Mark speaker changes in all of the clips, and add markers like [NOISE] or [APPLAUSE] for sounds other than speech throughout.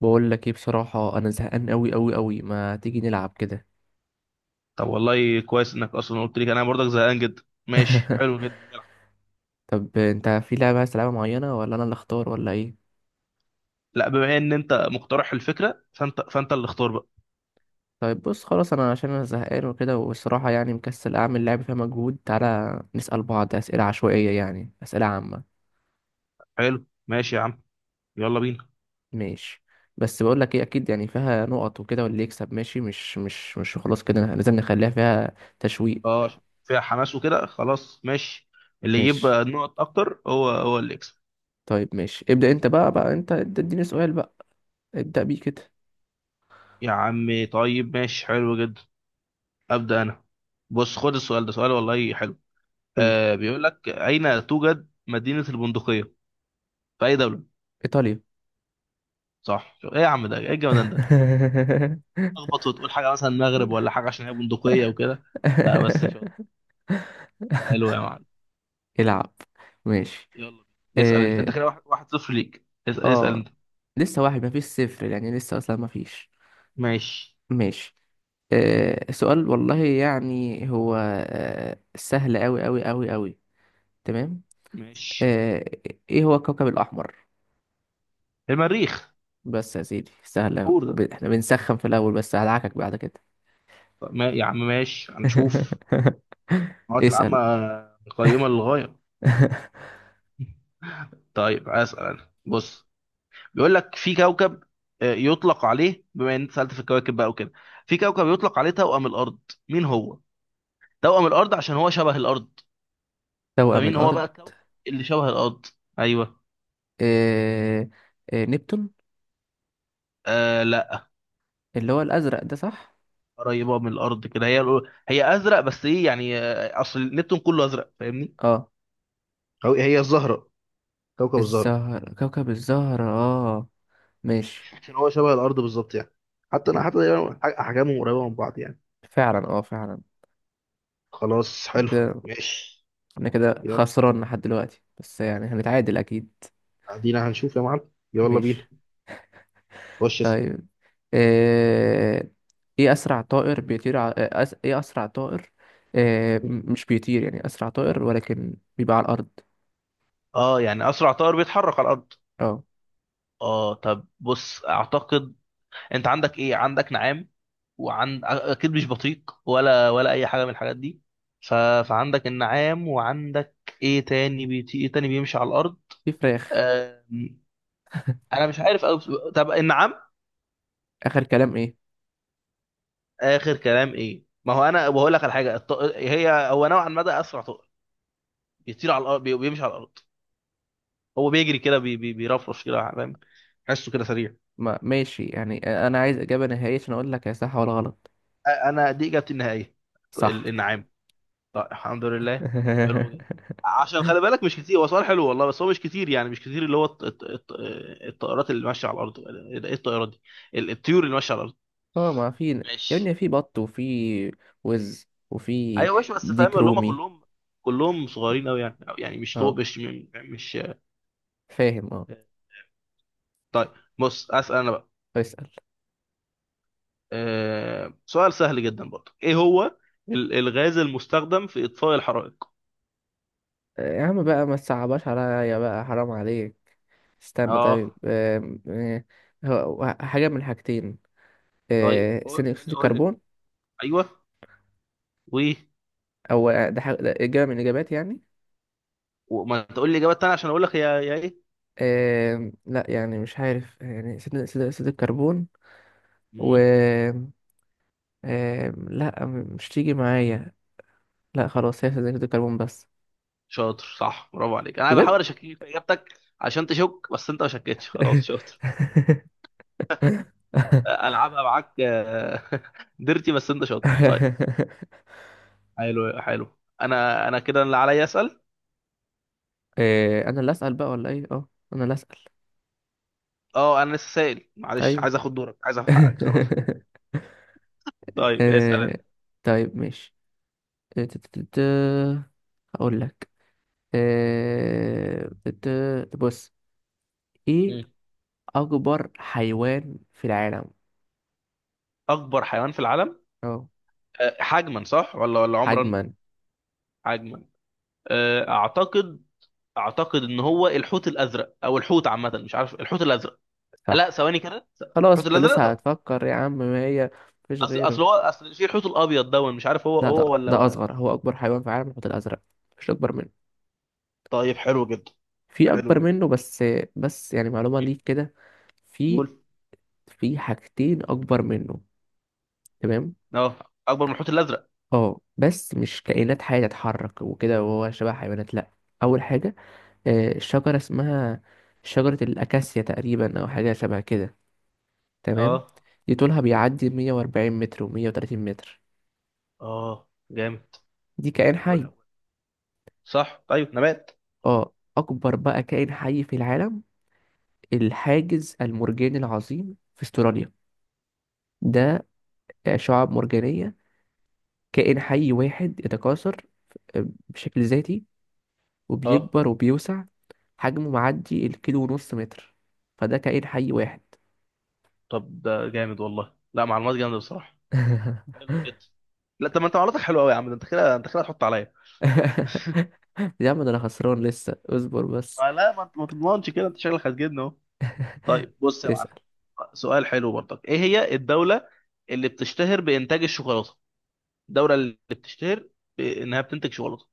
Speaker 1: بقول لك ايه، بصراحة انا زهقان قوي قوي قوي. ما تيجي نلعب كده؟
Speaker 2: طب والله كويس انك اصلا قلت لي انا برضك زهقان جدا. ماشي، حلو
Speaker 1: [LAUGHS]
Speaker 2: جدا، نلعب.
Speaker 1: طب انت في لعبة عايز تلعبها معينة، ولا انا اللي اختار، ولا ايه؟
Speaker 2: لا، بما ان انت مقترح الفكره فانت اللي اختار بقى.
Speaker 1: طيب بص، خلاص. انا عشان انا زهقان وكده، والصراحة يعني مكسل اعمل لعبة فيها مجهود. تعالى نسأل بعض اسئلة عشوائية، يعني اسئلة عامة.
Speaker 2: حلو ماشي يا عم، يلا بينا.
Speaker 1: ماشي. بس بقول لك ايه، اكيد يعني فيها نقط وكده، واللي يكسب ماشي. مش خلاص، كده لازم نخليها فيها تشويق.
Speaker 2: اه، فيها حماس وكده، خلاص ماشي. اللي يجيب
Speaker 1: ماشي.
Speaker 2: نقط اكتر هو اللي يكسب.
Speaker 1: طيب ماشي، ابدأ انت بقى انت، اديني سؤال بقى. ابدأ بيه كده.
Speaker 2: يا عم طيب ماشي حلو جدا. ابدا انا. بص، خد السؤال ده، سؤال والله حلو.
Speaker 1: قول لي.
Speaker 2: بيقول لك اين توجد مدينه البندقيه؟ في اي دوله؟
Speaker 1: ايطاليا.
Speaker 2: صح! ايه يا عم، ده ايه الجمدان ده؟
Speaker 1: [LAUGHS]
Speaker 2: تخبط وتقول حاجه مثلا مغرب ولا حاجه، عشان هي بندقيه وكده. لا بس شاطر، حلو يا معلم.
Speaker 1: العب. ماشي.
Speaker 2: يلا بينا. اسال انت،
Speaker 1: اه.
Speaker 2: انت كده 1-1-0 ليك، اسال
Speaker 1: آه.
Speaker 2: انت.
Speaker 1: لسه واحد، مفيش صفر، يعني لسه اصلا مفيش.
Speaker 2: ماشي.
Speaker 1: ماشي. آه، سؤال والله، يعني هو سهل أوي أوي أوي أوي. تمام.
Speaker 2: ماشي.
Speaker 1: آه. إيه هو الكوكب الأحمر؟
Speaker 2: المريخ.
Speaker 1: بس يا سيدي، سهل أوي.
Speaker 2: كور ده!
Speaker 1: إحنا بنسخن في الأول، بس هدعكك بعد كده.
Speaker 2: طب ما يا عم ماشي هنشوف.
Speaker 1: [LAUGHS]
Speaker 2: المعلومات
Speaker 1: اسأل.
Speaker 2: العامه قيمه للغايه.
Speaker 1: [LAUGHS]
Speaker 2: [LAUGHS] طيب اسال انا. بص بيقول لك، في كوكب، يطلق عليه، بما ان انت سالت في الكواكب بقى وكده، في كوكب يطلق عليه توأم الارض. مين هو؟ توأم الارض عشان هو شبه الارض.
Speaker 1: توأم
Speaker 2: فمين هو
Speaker 1: الأرض.
Speaker 2: بقى الكوكب اللي شبه الارض؟ ايوه.
Speaker 1: آه. نبتون.
Speaker 2: آه لا.
Speaker 1: اللي هو الأزرق ده، صح؟
Speaker 2: قريبه من الارض كده هي. هي ازرق بس ايه يعني، اصل نبتون كله ازرق، فاهمني.
Speaker 1: اه
Speaker 2: هو هي الزهره، كوكب الزهره.
Speaker 1: الزهر، كوكب الزهر، اه. ماشي.
Speaker 2: عشان هو شبه الارض بالظبط يعني. حتى
Speaker 1: م-
Speaker 2: انا، حتى يعني احجامهم قريبه من بعض يعني.
Speaker 1: فعلا، اه فعلا.
Speaker 2: خلاص، حلو،
Speaker 1: كده.
Speaker 2: ماشي.
Speaker 1: انا كده
Speaker 2: يلا
Speaker 1: خسران لحد دلوقتي، بس يعني هنتعادل أكيد.
Speaker 2: ادينا هنشوف يا معلم، يلا بينا.
Speaker 1: ماشي.
Speaker 2: خش اسأل.
Speaker 1: طيب. آه... ايه أسرع طائر بيطير ايه أسرع طائر، مش بيطير يعني، أسرع طائر ولكن بيبقى على الأرض.
Speaker 2: اه يعني اسرع طائر بيتحرك على الارض.
Speaker 1: اه
Speaker 2: اه طب بص، اعتقد. انت عندك ايه؟ عندك نعام، وعند اكيد مش بطيق ولا ولا اي حاجه من الحاجات دي. ف... فعندك النعام، وعندك ايه تاني بيطيق، ايه تاني بيمشي على الارض؟
Speaker 1: في فراخ.
Speaker 2: آه... انا مش عارف. طب النعام.
Speaker 1: آخر كلام ايه؟
Speaker 2: اخر كلام ايه؟ ما هو انا بقول لك على حاجه هي هو نوعا ما ده اسرع طائر بيطير على الارض، بيمشي على الارض. هو بيجري كده بيرفرش كده فاهم، حسه كده سريع.
Speaker 1: ما ماشي يعني. أنا عايز إجابة نهائية، عشان أقول لك يا صح ولا غلط.
Speaker 2: انا دي اجابتي النهائيه.
Speaker 1: صح.
Speaker 2: النعام. طيب الحمد لله. حلو جدا.
Speaker 1: [LAUGHS]
Speaker 2: عشان خلي بالك، مش كتير، هو سؤال حلو والله بس هو مش كتير يعني، مش كتير اللي هو الطائرات اللي ماشيه على الارض. ايه الطائرات دي، الطيور اللي ماشيه على الارض.
Speaker 1: اه ما في، يا
Speaker 2: ماشي.
Speaker 1: ابني في بط، وفي وز، وفي
Speaker 2: ايوه ماشي، بس فاهم
Speaker 1: ديك
Speaker 2: اللي هم
Speaker 1: رومي.
Speaker 2: كلهم، كلهم صغيرين قوي يعني، أو يعني مش طو
Speaker 1: اه
Speaker 2: مش مش.
Speaker 1: فاهم اه.
Speaker 2: طيب، بص اسال انا بقى.
Speaker 1: اسأل.
Speaker 2: أه سؤال سهل جدا برضه، ايه هو الغاز المستخدم في اطفاء الحرائق؟
Speaker 1: يا عم بقى، ما تصعبهاش عليا بقى، حرام عليك. استنى طيب.
Speaker 2: اه
Speaker 1: حاجة من حاجتين.
Speaker 2: طيب قول
Speaker 1: ثاني
Speaker 2: قول
Speaker 1: أكسيد
Speaker 2: لي قول لي.
Speaker 1: الكربون.
Speaker 2: ايوه. و.
Speaker 1: أو ده إجابة من الإجابات يعني.
Speaker 2: وما تقول لي اجابه تانية عشان اقول لك، هي هي إيه؟
Speaker 1: لا يعني مش عارف يعني، ثاني أكسيد الكربون. و
Speaker 2: مم.
Speaker 1: لا، مش تيجي معايا. لا خلاص، هي ثاني أكسيد الكربون بس.
Speaker 2: شاطر، صح، برافو عليك، انا
Speaker 1: بجد.
Speaker 2: بحاول اشكك في اجابتك عشان تشك بس انت ما شكتش، خلاص شاطر.
Speaker 1: [LAUGHS]
Speaker 2: العبها معاك [LAUGHS] ديرتي بس انت شاطر. طيب حلو حلو، انا كده اللي عليا اسال.
Speaker 1: انا اللي اسال بقى ولا ايه؟ اه انا اللي اسال.
Speaker 2: اه انا لسه سائل، معلش
Speaker 1: ايوه.
Speaker 2: عايز اخد دورك، عايز اخد حقك، خلاص.
Speaker 1: [LAUGHS]
Speaker 2: [LAUGHS] طيب اسال انت.
Speaker 1: إيه، طيب ماشي. إيه، ت- ت- ت- هقول لك. بص. ايه
Speaker 2: مم.
Speaker 1: اكبر حيوان في العالم.
Speaker 2: اكبر حيوان في العالم.
Speaker 1: اه،
Speaker 2: حجما صح ولا ولا عمرا؟
Speaker 1: حجما
Speaker 2: حجما. أه، اعتقد اعتقد ان هو الحوت الازرق، او الحوت عامه، مش عارف، الحوت الازرق. لا
Speaker 1: صح.
Speaker 2: ثواني كده.
Speaker 1: خلاص
Speaker 2: الحوت
Speaker 1: انت
Speaker 2: الازرق
Speaker 1: لسه
Speaker 2: ده،
Speaker 1: هتفكر، يا عم ما هي. مفيش
Speaker 2: اصل
Speaker 1: غيره.
Speaker 2: هو اصل في الحوت الابيض ده، مش عارف هو
Speaker 1: لا ده
Speaker 2: هو ولا
Speaker 1: ده
Speaker 2: ولا.
Speaker 1: اصغر. هو اكبر حيوان في العالم الحوت الازرق، مش اكبر منه.
Speaker 2: طيب حلو جدا.
Speaker 1: في
Speaker 2: حلو
Speaker 1: اكبر
Speaker 2: جدا.
Speaker 1: منه بس. بس يعني معلومة ليك كده. في.
Speaker 2: قول.
Speaker 1: حاجتين اكبر منه. تمام.
Speaker 2: اه، اكبر من الحوت الازرق.
Speaker 1: اه، بس مش كائنات حية تتحرك وكده وهو شبه حيوانات، لا. اول حاجة، شجرة اسمها، شجرة الاكاسيا تقريبا، او حاجة شبه كده. تمام.
Speaker 2: اه.
Speaker 1: دي طولها بيعدي 140 متر و130 متر.
Speaker 2: اه جامد.
Speaker 1: دي كائن حي.
Speaker 2: ولا- صح طيب نبات.
Speaker 1: اه، اكبر بقى كائن حي في العالم، الحاجز المرجاني العظيم في استراليا. ده شعاب مرجانية، كائن حي واحد يتكاثر بشكل ذاتي،
Speaker 2: اه
Speaker 1: وبيكبر وبيوسع. حجمه معدي الكيلو ونص متر. فده كائن حي واحد.
Speaker 2: طب ده جامد والله، لا معلومات جامده بصراحه.
Speaker 1: [LAUGHS]
Speaker 2: حلو جدا. لا طب ما انت معلوماتك حلوه قوي يا عم، ده انت كده، انت كده هتحط عليا. [LAUGHS]
Speaker 1: يا عم ده انا خسران لسه، اصبر بس.
Speaker 2: لا ما انت ما تضمنش كده، انت شكلك هتجيبني اهو. طيب بص يا معلم،
Speaker 1: اسأل.
Speaker 2: سؤال حلو برضك. ايه هي الدوله اللي بتشتهر بانتاج الشوكولاته؟ الدوله اللي بتشتهر انها بتنتج شوكولاته،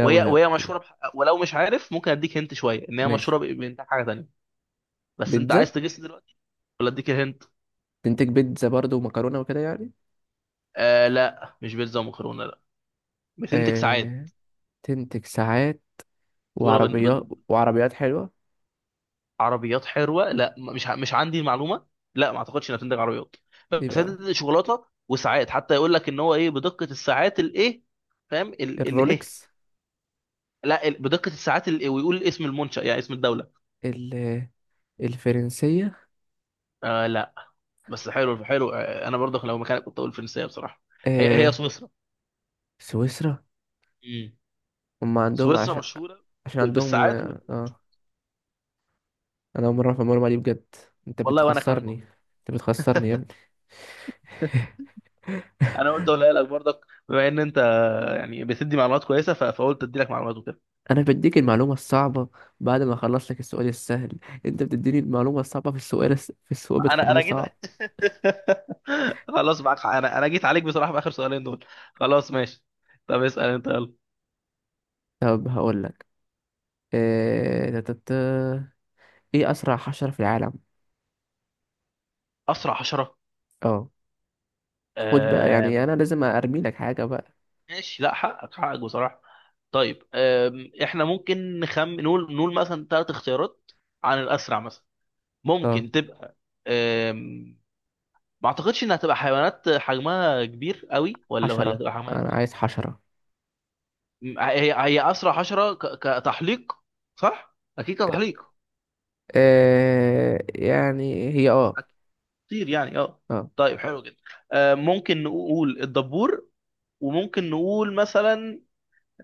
Speaker 2: وهي وهي
Speaker 1: بت...
Speaker 2: مشهوره ولو مش عارف ممكن اديك هنت شويه، ان هي
Speaker 1: ماشي.
Speaker 2: مشهوره بانتاج حاجه تانيه. بس انت
Speaker 1: بيتزا.
Speaker 2: عايز تجس دلوقتي ولا اديك الهنت؟
Speaker 1: تنتج بيتزا برضو ومكرونة وكده يعني.
Speaker 2: آه لا، مش بيتزا ومكرونه لا. بتنتج ساعات.
Speaker 1: آه... تنتج ساعات
Speaker 2: مشهوره
Speaker 1: وعربيات، حلوة.
Speaker 2: عربيات حلوه لا، مش مش عندي المعلومه. لا ما اعتقدش انها بتنتج عربيات. بس هي
Speaker 1: يبقى
Speaker 2: بتنتج شوكولاته وساعات، حتى يقول لك ان هو ايه، بدقه الساعات الايه، فاهم اللي هي.
Speaker 1: الرولكس.
Speaker 2: لا بدقه الساعات ال- إيه، ويقول اسم المنشأ يعني اسم الدوله.
Speaker 1: ال... الفرنسية.
Speaker 2: آه لا. بس حلو حلو، انا برضه لو مكانك كنت اقول فرنسيه بصراحه. هي هي
Speaker 1: آه...
Speaker 2: سويسرا.
Speaker 1: سويسرا.
Speaker 2: امم.
Speaker 1: هم عندهم.
Speaker 2: سويسرا
Speaker 1: عشان
Speaker 2: مشهوره
Speaker 1: عندهم و...
Speaker 2: بالساعات
Speaker 1: اه. انا اول مره في المعلومه دي بجد. انت
Speaker 2: والله وانا كمان
Speaker 1: بتخسرني.
Speaker 2: برضه.
Speaker 1: انت بتخسرني يا ابني. [LAUGHS]
Speaker 2: انا قلت اقولها لك برضك، بما ان انت يعني بتدي معلومات كويسه، فقلت ادي لك معلومات وكده.
Speaker 1: انا بديك المعلومه الصعبه بعد ما اخلص لك السؤال السهل. انت بتديني المعلومه الصعبه في السؤال في السؤال،
Speaker 2: انا
Speaker 1: بتخلوني
Speaker 2: انا جيت.
Speaker 1: صعب.
Speaker 2: [LAUGHS] خلاص معاك حق. انا جيت عليك بصراحه في اخر سؤالين دول. خلاص ماشي. طب اسال انت يلا.
Speaker 1: طب هقول لك. إيه... تتت- ايه اسرع حشره في العالم.
Speaker 2: اسرع
Speaker 1: اه. خد بقى
Speaker 2: حشره.
Speaker 1: يعني، انا لازم ارمي لك حاجه بقى.
Speaker 2: ماشي، لا حقك حقك بصراحة. طيب احنا ممكن نقول مثلا 3 اختيارات عن الأسرع مثلا،
Speaker 1: اه
Speaker 2: ممكن تبقى. أم، ما اعتقدش انها تبقى حيوانات حجمها كبير قوي، ولا ولا
Speaker 1: حشره.
Speaker 2: تبقى حجمها
Speaker 1: انا
Speaker 2: كبير.
Speaker 1: عايز حشره.
Speaker 2: هي هي أسرع حشرة كتحليق، صح؟ أكيد كتحليق
Speaker 1: يعني هي اه.
Speaker 2: كتير يعني اه.
Speaker 1: اه.
Speaker 2: طيب حلو جدا. ممكن نقول الدبور، وممكن نقول مثلا،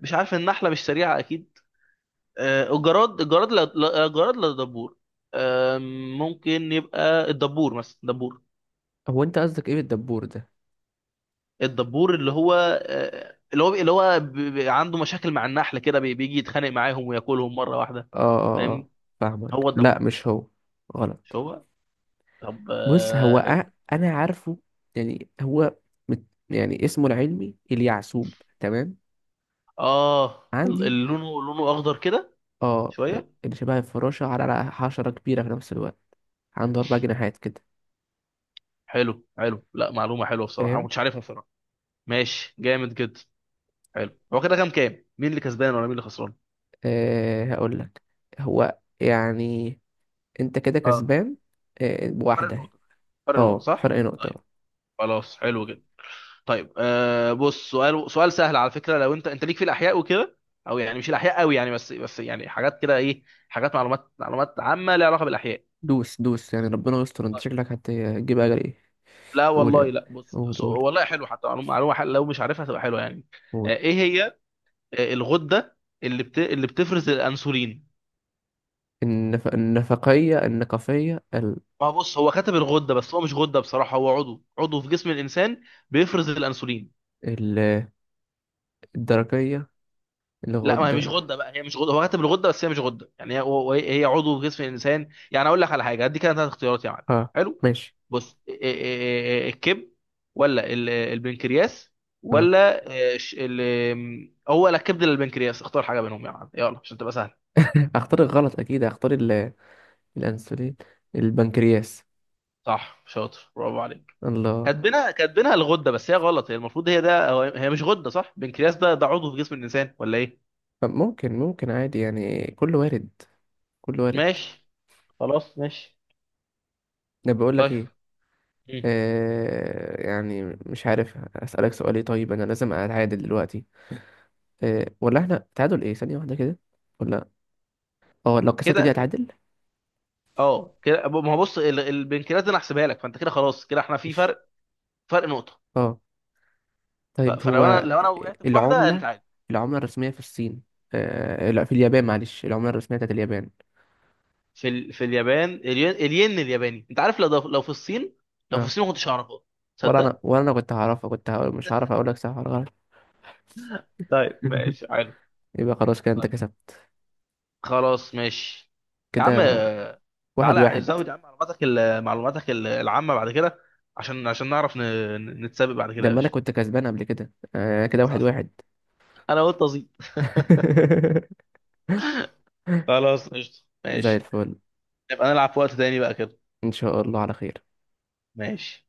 Speaker 2: مش عارف، النحلة مش سريعة أكيد. الجراد، الجراد لا، الجراد لا، دبور. ممكن يبقى الدبور مثلا، دبور.
Speaker 1: هو انت قصدك ايه بالدبور ده؟
Speaker 2: الدبور اللي هو، اللي هو اللي هو عنده مشاكل مع النحل كده، بيجي يتخانق معاهم وياكلهم مرة واحدة،
Speaker 1: اه اه اه.
Speaker 2: فاهمني.
Speaker 1: فاهمك،
Speaker 2: هو
Speaker 1: لا
Speaker 2: الدبور.
Speaker 1: مش هو.
Speaker 2: مش
Speaker 1: غلط.
Speaker 2: هو. طب
Speaker 1: بص،
Speaker 2: اه.
Speaker 1: انا عارفه. يعني هو، مت يعني اسمه العلمي اليعسوب. تمام. عندي.
Speaker 2: لونه لونه اخضر كده
Speaker 1: اه.
Speaker 2: شوية.
Speaker 1: اللي شبه الفراشة، على حشرة كبيرة في نفس الوقت. عنده أربع جناحات كده.
Speaker 2: حلو حلو، لا معلومة حلوة بصراحة، أنا ما
Speaker 1: فاهم.
Speaker 2: كنتش عارفها بصراحة. ماشي جامد جدا. حلو، هو كده كام كام، مين اللي كسبان ولا مين اللي خسران؟
Speaker 1: أه هقول لك. هو يعني انت كده
Speaker 2: اه
Speaker 1: كسبان. أه،
Speaker 2: فرق
Speaker 1: بواحدة.
Speaker 2: نقطة. فرق نقطة
Speaker 1: اه،
Speaker 2: صح.
Speaker 1: فرق نقطة.
Speaker 2: خلاص حلو جدا. طيب بص سؤال، سؤال سهل على فكره لو انت، انت ليك في الاحياء وكده، او يعني مش الاحياء قوي يعني، بس بس يعني حاجات كده، ايه، حاجات معلومات، معلومات عامه ليها علاقه بالاحياء.
Speaker 1: دوس دوس يعني، ربنا يستر، انت
Speaker 2: طيب
Speaker 1: شكلك هتجيب اجل ايه.
Speaker 2: لا
Speaker 1: قول يا
Speaker 2: والله
Speaker 1: ابني.
Speaker 2: لا، بص
Speaker 1: قول قول.
Speaker 2: والله حلو، حتى معلومه، معلومه حلوة، لو مش عارفها تبقى حلوه يعني.
Speaker 1: قول.
Speaker 2: ايه هي، الغده اللي بتفرز الانسولين؟
Speaker 1: النفقية، النقفية،
Speaker 2: ما هو بص هو كتب الغده، بس هو مش غده بصراحه، هو عضو، عضو في جسم الانسان بيفرز الانسولين.
Speaker 1: ال... الدرجية،
Speaker 2: لا ما هي مش
Speaker 1: الغدة.
Speaker 2: غده بقى، هي مش غده، هو كاتب الغده بس هي مش غده يعني، هي عضو في جسم الانسان، يعني اقول لك على حاجه هدي كده 3 اختيارات يا معلم.
Speaker 1: اه
Speaker 2: حلو.
Speaker 1: ماشي.
Speaker 2: بص إيه- إيه- إيه- إيه، إيه، الكبد، ولا البنكرياس،
Speaker 1: اه،
Speaker 2: ولا. هو لا الكبد ولا البنكرياس، اختار حاجه بينهم يا معلم يلا، عشان تبقى سهله.
Speaker 1: اختار الغلط اكيد، اختار الانسولين، البنكرياس.
Speaker 2: صح شاطر، برافو عليك.
Speaker 1: الله.
Speaker 2: كاتبينها، كاتبينها الغده بس هي غلط، هي المفروض هي ده هي مش غده صح، البنكرياس ده، ده عضو في جسم الانسان ولا ايه؟
Speaker 1: طب ممكن، عادي يعني، كل وارد. كل وارد.
Speaker 2: ماشي. خلاص ماشي.
Speaker 1: انا بقول لك
Speaker 2: طيب.
Speaker 1: ايه.
Speaker 2: مم.
Speaker 1: آه يعني مش عارف اسالك سؤال ايه. طيب انا لازم اتعادل دلوقتي. آه، ولا احنا تعادل، ايه ثانية واحدة كده، ولا اه لو كسبت دي
Speaker 2: كده.
Speaker 1: هتعادل.
Speaker 2: اه كده، ما هو بص البنكرياس ده انا هحسبها لك، فانت كده خلاص كده احنا في
Speaker 1: ايش.
Speaker 2: فرق، فرق نقطه.
Speaker 1: آه. طيب
Speaker 2: فلو انا،
Speaker 1: هو
Speaker 2: لو انا وقعت في واحده انت
Speaker 1: العملة،
Speaker 2: عادي.
Speaker 1: العملة الرسمية في الصين. آه لا، في اليابان معلش. العملة الرسمية بتاعت اليابان.
Speaker 2: في في اليابان الين، الياباني انت عارف، لو لو في الصين، لو في
Speaker 1: اه.
Speaker 2: الصين ما كنتش اعرفها،
Speaker 1: ولا
Speaker 2: تصدق.
Speaker 1: انا، ولا انا كنت هعرفها، كنت هقول مش هعرف اقول لك صح ولا غلط.
Speaker 2: طيب
Speaker 1: [LAUGHS]
Speaker 2: ماشي حلو.
Speaker 1: يبقى خلاص كده انت
Speaker 2: طيب
Speaker 1: كسبت.
Speaker 2: خلاص ماشي. يا عم
Speaker 1: كده واحد
Speaker 2: تعالى
Speaker 1: واحد
Speaker 2: زود يا عم معلوماتك معلوماتك العامه بعد كده، عشان نعرف نتسابق بعد كده
Speaker 1: ده
Speaker 2: يا
Speaker 1: ما انا
Speaker 2: باشا.
Speaker 1: كنت كسبان قبل كده. آه كده واحد
Speaker 2: صح،
Speaker 1: واحد
Speaker 2: انا قلت ازيد.
Speaker 1: [LAUGHS]
Speaker 2: [LAUGHS] خلاص قشطه،
Speaker 1: زي
Speaker 2: ماشي.
Speaker 1: الفل.
Speaker 2: نبقى نلعب في وقت تاني بقى كده.
Speaker 1: ان شاء الله على خير.
Speaker 2: ماشي.